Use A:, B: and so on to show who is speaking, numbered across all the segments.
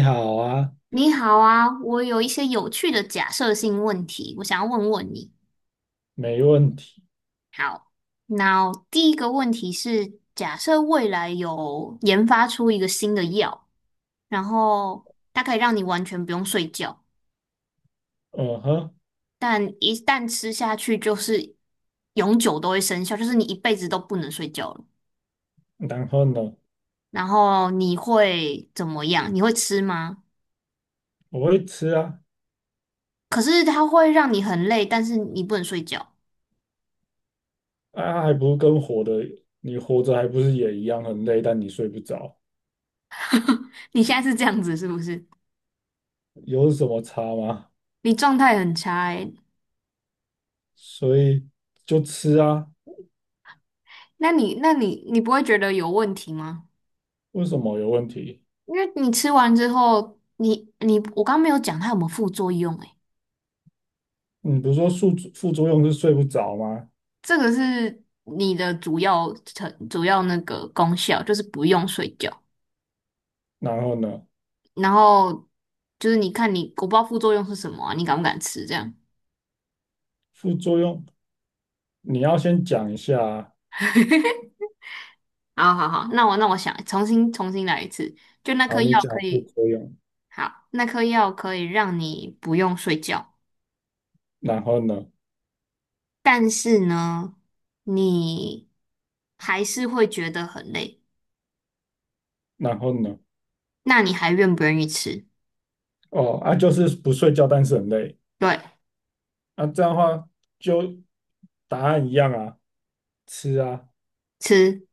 A: 你好啊，
B: 你好啊，我有一些有趣的假设性问题，我想要问问你。
A: 没问题。
B: 好，那第一个问题是，假设未来有研发出一个新的药，然后它可以让你完全不用睡觉，
A: 嗯哼，
B: 但一旦吃下去就是永久都会生效，就是你一辈子都不能睡觉了。
A: 然后呢？
B: 然后你会怎么样？你会吃吗？
A: 我会吃啊。
B: 可是它会让你很累，但是你不能睡觉。
A: 啊，还不是跟活的，你活着还不是也一样很累，但你睡不着，
B: 你现在是这样子是不是？
A: 有什么差吗？
B: 你状态很差欸。
A: 所以就吃啊。
B: 那你不会觉得有问题吗？
A: 为什么有问题？
B: 因为你吃完之后，你我刚没有讲它有没有副作用诶。
A: 你不是说副作用是睡不着吗？
B: 这个是你的主要那个功效，就是不用睡觉，
A: 然后呢，
B: 然后就是你看你我不知道副作用是什么啊，你敢不敢吃这样？
A: 副作用你要先讲一下啊。
B: 好好好，那我想重新来一次，就那颗
A: 好，你
B: 药
A: 讲
B: 可
A: 副
B: 以，
A: 作用，
B: 好，那颗药可以让你不用睡觉。
A: 然后呢？
B: 但是呢，你还是会觉得很累，
A: 然后呢？
B: 那你还愿不愿意吃？
A: 哦，啊，就是不睡觉，但是很累。
B: 对，
A: 那这样的话就答案一样啊，吃啊。
B: 吃，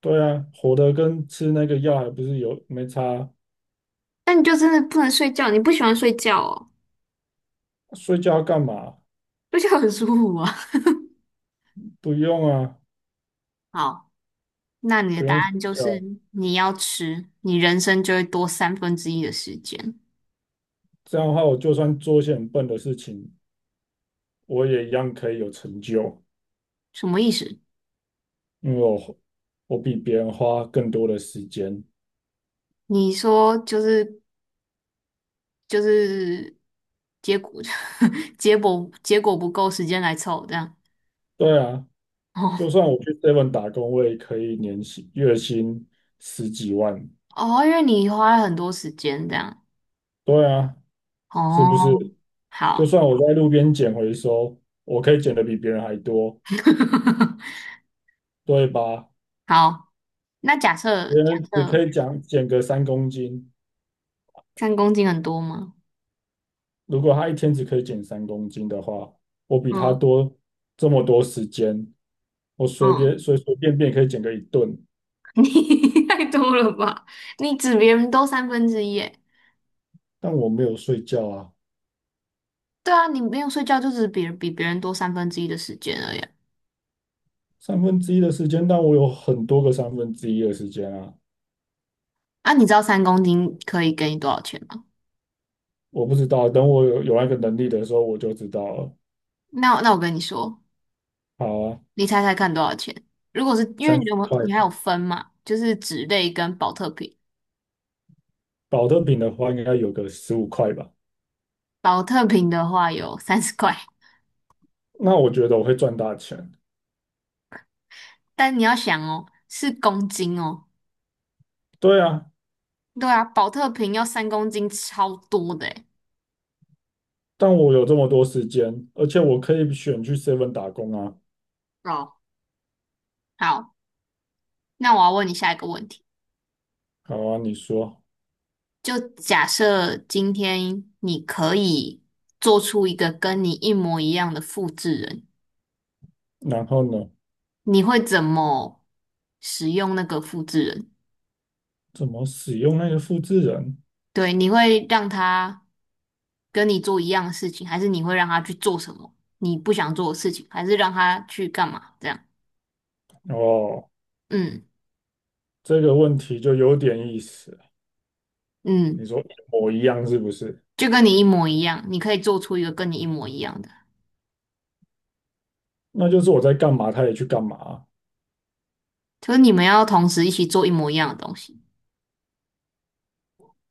A: 对啊，活的跟吃那个药还不是有没差啊。
B: 那你就真的不能睡觉，你不喜欢睡觉哦，
A: 睡觉干嘛？
B: 睡觉很舒服啊。
A: 不用啊，
B: 好，那你的
A: 不
B: 答
A: 用睡
B: 案就是
A: 觉。
B: 你要吃，你人生就会多三分之一的时间，
A: 这样的话，我就算做一些很笨的事情，我也一样可以有成就，
B: 什么意思？
A: 因为我比别人花更多的时间。
B: 你说就是结果 结果不够时间来凑这样。
A: 对啊，
B: 哦
A: 就算我去 Seven 打工，我也可以年薪月薪十几万。
B: 哦，因为你花了很多时间这样。
A: 对啊，是不
B: 哦，
A: 是？就
B: 好，
A: 算我在路边捡回收，我可以捡的比别人还多，对吧？
B: 好，那假设
A: 别
B: 假
A: 人只可
B: 设
A: 以讲捡个三公斤，
B: 三公斤很多吗？
A: 如果他一天只可以捡三公斤的话，我比他
B: 嗯
A: 多这么多时间，我随便
B: 嗯，
A: 随随便便可以捡个一顿，
B: 你太多了吧？你指别人多三分之一耶？
A: 但我没有睡觉啊。
B: 对啊，你不用睡觉就只别人比别人多三分之一的时间而已啊。
A: 三分之一的时间，但我有很多个三分之一的时间啊。
B: 啊你知道三公斤可以给你多少钱吗？
A: 我不知道，等我有那个能力的时候，我就知道了。
B: 那我跟你说，
A: 好啊，
B: 你猜猜看多少钱？如果是因为
A: 三
B: 你
A: 十
B: 有
A: 块
B: 你还
A: 吧，
B: 有分嘛，就是脂类跟保特瓶，
A: 保特瓶的话应该有个15块吧。
B: 保特瓶的话有30块，
A: 那我觉得我会赚大钱。
B: 但你要想哦，是公斤哦。
A: 对啊，
B: 对啊，保特瓶要三公斤，超多的诶。
A: 但我有这么多时间，而且我可以选去 Seven 打工啊。
B: 哦，好，那我要问你下一个问题，
A: 好啊，你说，
B: 就假设今天你可以做出一个跟你一模一样的复制人，
A: 然后呢？
B: 你会怎么使用那个复制人？
A: 怎么使用那个复制人？
B: 对，你会让他跟你做一样的事情，还是你会让他去做什么你不想做的事情，还是让他去干嘛？这样，
A: 哦，
B: 嗯
A: 这个问题就有点意思。你
B: 嗯，
A: 说一模一样是不是？
B: 就跟你一模一样，你可以做出一个跟你一模一样的。
A: 那就是我在干嘛，他也去干嘛啊。
B: 就是你们要同时一起做一模一样的东西。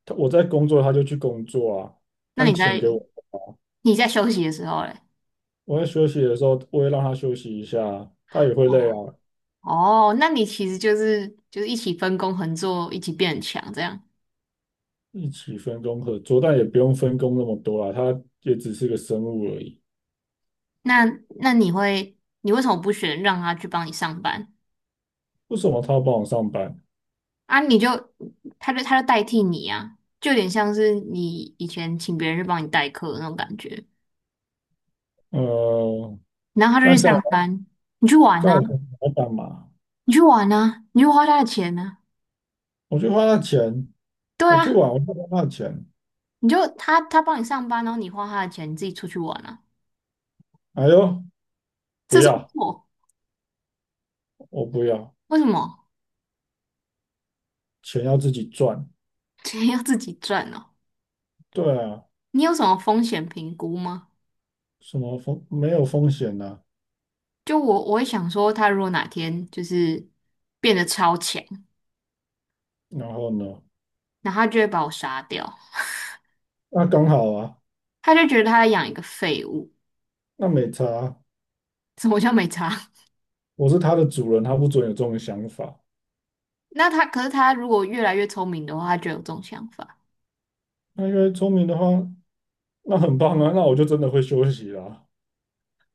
A: 他我在工作，他就去工作啊。
B: 那
A: 但
B: 你
A: 钱
B: 在
A: 给我。
B: 你在休息的时候嘞？
A: 我在休息的时候，我也让他休息一下啊，他也会累
B: 哦
A: 啊。
B: 哦，那你其实就是一起分工合作，一起变很强这样。
A: 一起分工合作，但也不用分工那么多啊，他也只是个生物而已。
B: 那那你为什么不选让他去帮你上班
A: 为什么他要帮我上班？
B: 啊？你就他就代替你啊，就有点像是你以前请别人去帮你代课的那种感觉。
A: 呃，
B: 然后他就
A: 那
B: 去
A: 这样
B: 上班，你去玩
A: 这样
B: 啊，
A: 我跟老板嘛？
B: 你去玩啊，你去花他的钱呢、啊。
A: 我去花他钱，
B: 对
A: 我去
B: 啊，
A: 玩，我去花他的钱。
B: 你就他帮你上班，然后你花他的钱，你自己出去玩啊。
A: 哎呦，不
B: 这是
A: 要，
B: 错？
A: 我不要，
B: 为什么？
A: 钱要自己赚。
B: 钱要自己赚呢？
A: 对啊，
B: 你有什么风险评估吗？
A: 什么风没有风险呐、
B: 就我会想说，他如果哪天就是变得超强，
A: 然后呢？
B: 然后他就会把我杀掉，
A: 那刚好啊，
B: 他就觉得他在养一个废物，
A: 那没差啊。
B: 什么叫没差？
A: 我是他的主人，他不准有这种想法。
B: 那他，可是他如果越来越聪明的话，他就有这种想法。
A: 那因为聪明的话，那很棒啊，那我就真的会休息啦。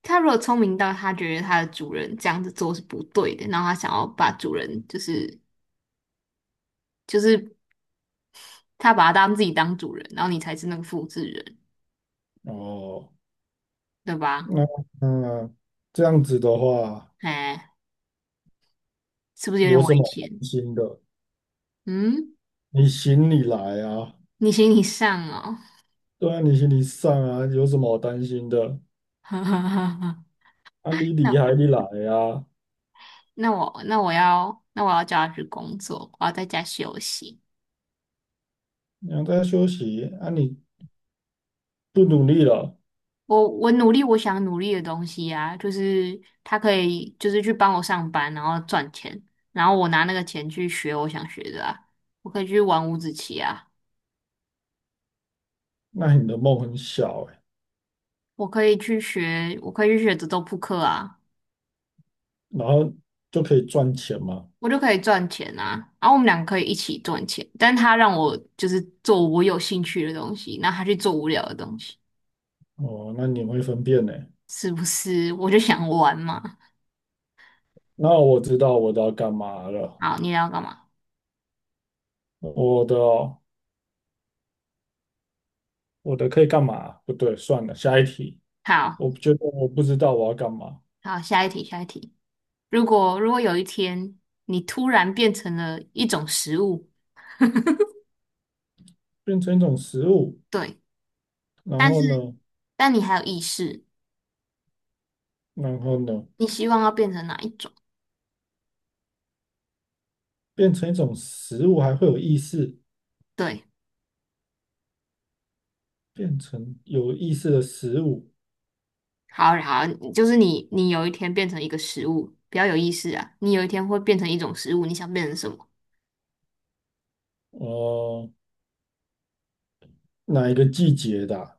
B: 他如果聪明到他觉得他的主人这样子做是不对的，然后他想要把主人就是他把他当自己当主人，然后你才是那个复制人，
A: 哦，
B: 对吧？
A: 那嗯，这样子的话，
B: 哎，是不是有点
A: 有
B: 危
A: 什么好
B: 险？
A: 担心的？
B: 嗯，
A: 你行你来啊。
B: 你行你上哦，
A: 对啊，你心理上啊，有什么好担心的？
B: 哈哈哈哈，
A: 啊，你
B: 那
A: 厉害，你来啊！
B: 那我要叫他去工作，我要在家休息。
A: 你还在休息啊，你不努力了，
B: 我想努力的东西啊，就是他可以就是去帮我上班，然后赚钱，然后我拿那个钱去学我想学的啊，我可以去玩五子棋啊，
A: 那你的梦很小哎、
B: 我可以去学德州扑克啊，
A: 然后就可以赚钱嘛。
B: 我就可以赚钱啊，然后我们两个可以一起赚钱，但他让我就是做我有兴趣的东西，然后他去做无聊的东西。
A: 哦，那你会分辨呢、
B: 是不是？我就想玩嘛。
A: 那我知道我的要干嘛了。
B: 好，你要干嘛？
A: 我的哦我的可以干嘛？不对，算了，下一题。
B: 好，
A: 我觉得我不知道我要干嘛。
B: 好，下一题，下一题。如果有一天你突然变成了一种食物，
A: 变成一种食物，
B: 对，
A: 然
B: 但
A: 后
B: 是
A: 呢？
B: 但你还有意识，
A: 然后呢？
B: 你希望要变成哪一种？
A: 变成一种食物还会有意识，
B: 对，
A: 变成有意识的食物。
B: 好好，就是你有一天变成一个食物，比较有意思啊。你有一天会变成一种食物，你想变成什么？
A: 哦，哪一个季节的啊。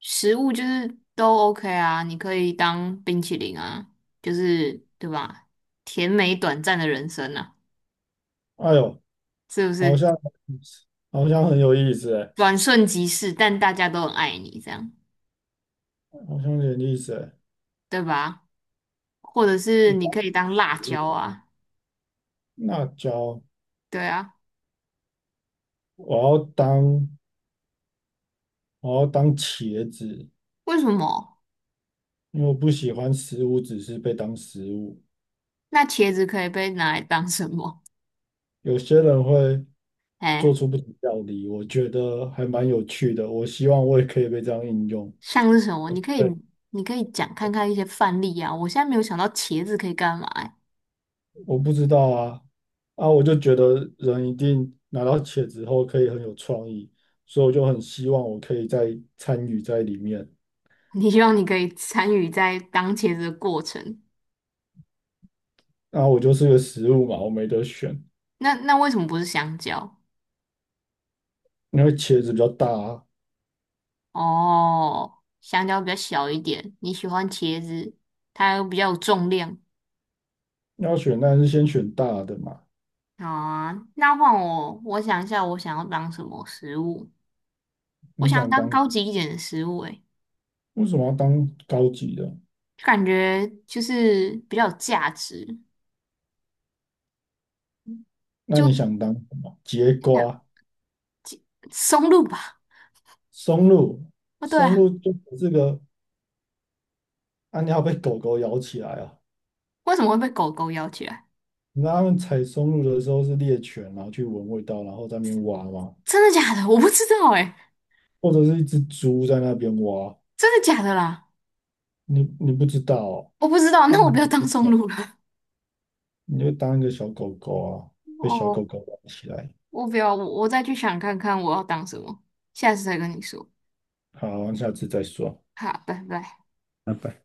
B: 食物就是都 OK 啊，你可以当冰淇淋啊，就是对吧？甜美短暂的人生啊，
A: 哎呦，
B: 是不
A: 好
B: 是？
A: 像好像很有意思哎，
B: 转瞬即逝，但大家都很爱你，这样
A: 好像有点意思哎。
B: 对吧？或者是
A: 一
B: 你
A: 大
B: 可以当辣
A: 植
B: 椒
A: 物
B: 啊，
A: 辣椒，
B: 对啊，
A: 我要当我要当茄子，
B: 为什么？
A: 因为我不喜欢食物只是被当食物。
B: 那茄子可以被拿来当什么？
A: 有些人会做
B: 哎，
A: 出不同料理，我觉得还蛮有趣的。我希望我也可以被这样应用。
B: 像是什么？你可以讲看看一些范例啊。我现在没有想到茄子可以干嘛、欸
A: 我不知道啊。啊，我就觉得人一定拿到茄子后可以很有创意，所以我就很希望我可以再参与在里面。
B: 你希望你可以参与在当茄子的过程。
A: 啊，我就是个食物嘛，我没得选，
B: 那为什么不是香蕉？
A: 因为茄子比较大啊，
B: 哦，香蕉比较小一点，你喜欢茄子，它又比较有重量，
A: 要选当然是先选大的嘛。
B: 好啊，那换我，我想一下，我想要当什么食物？我
A: 你
B: 想要
A: 想
B: 当
A: 当，
B: 高级一点的食物、欸，诶，
A: 为什么要当高级的？
B: 就感觉就是比较有价值，
A: 那
B: 就
A: 你
B: 真
A: 想当什么？节瓜、
B: 的松露吧？
A: 松露。
B: 哦，对
A: 松露
B: 啊，
A: 就这个，啊，你要被狗狗咬起来啊。
B: 为什么会被狗狗咬起来？
A: 你知道他们采松露的时候是猎犬，然后去闻味道，然后在那边挖吗？
B: 真的假的？我不知道、欸，诶，
A: 或者是一只猪在那边挖。
B: 真的假的啦？
A: 你不知道哦。
B: 我不知道，
A: 啊，
B: 那我
A: 你
B: 不要
A: 不
B: 当
A: 知
B: 松
A: 道
B: 露了。
A: 你会当一个小狗狗啊，被小狗
B: 哦，
A: 狗玩起来。
B: 我不要，我再去想看看我要当什么，下次再跟你说。
A: 好，下次再说。
B: 好，拜拜。
A: 拜拜。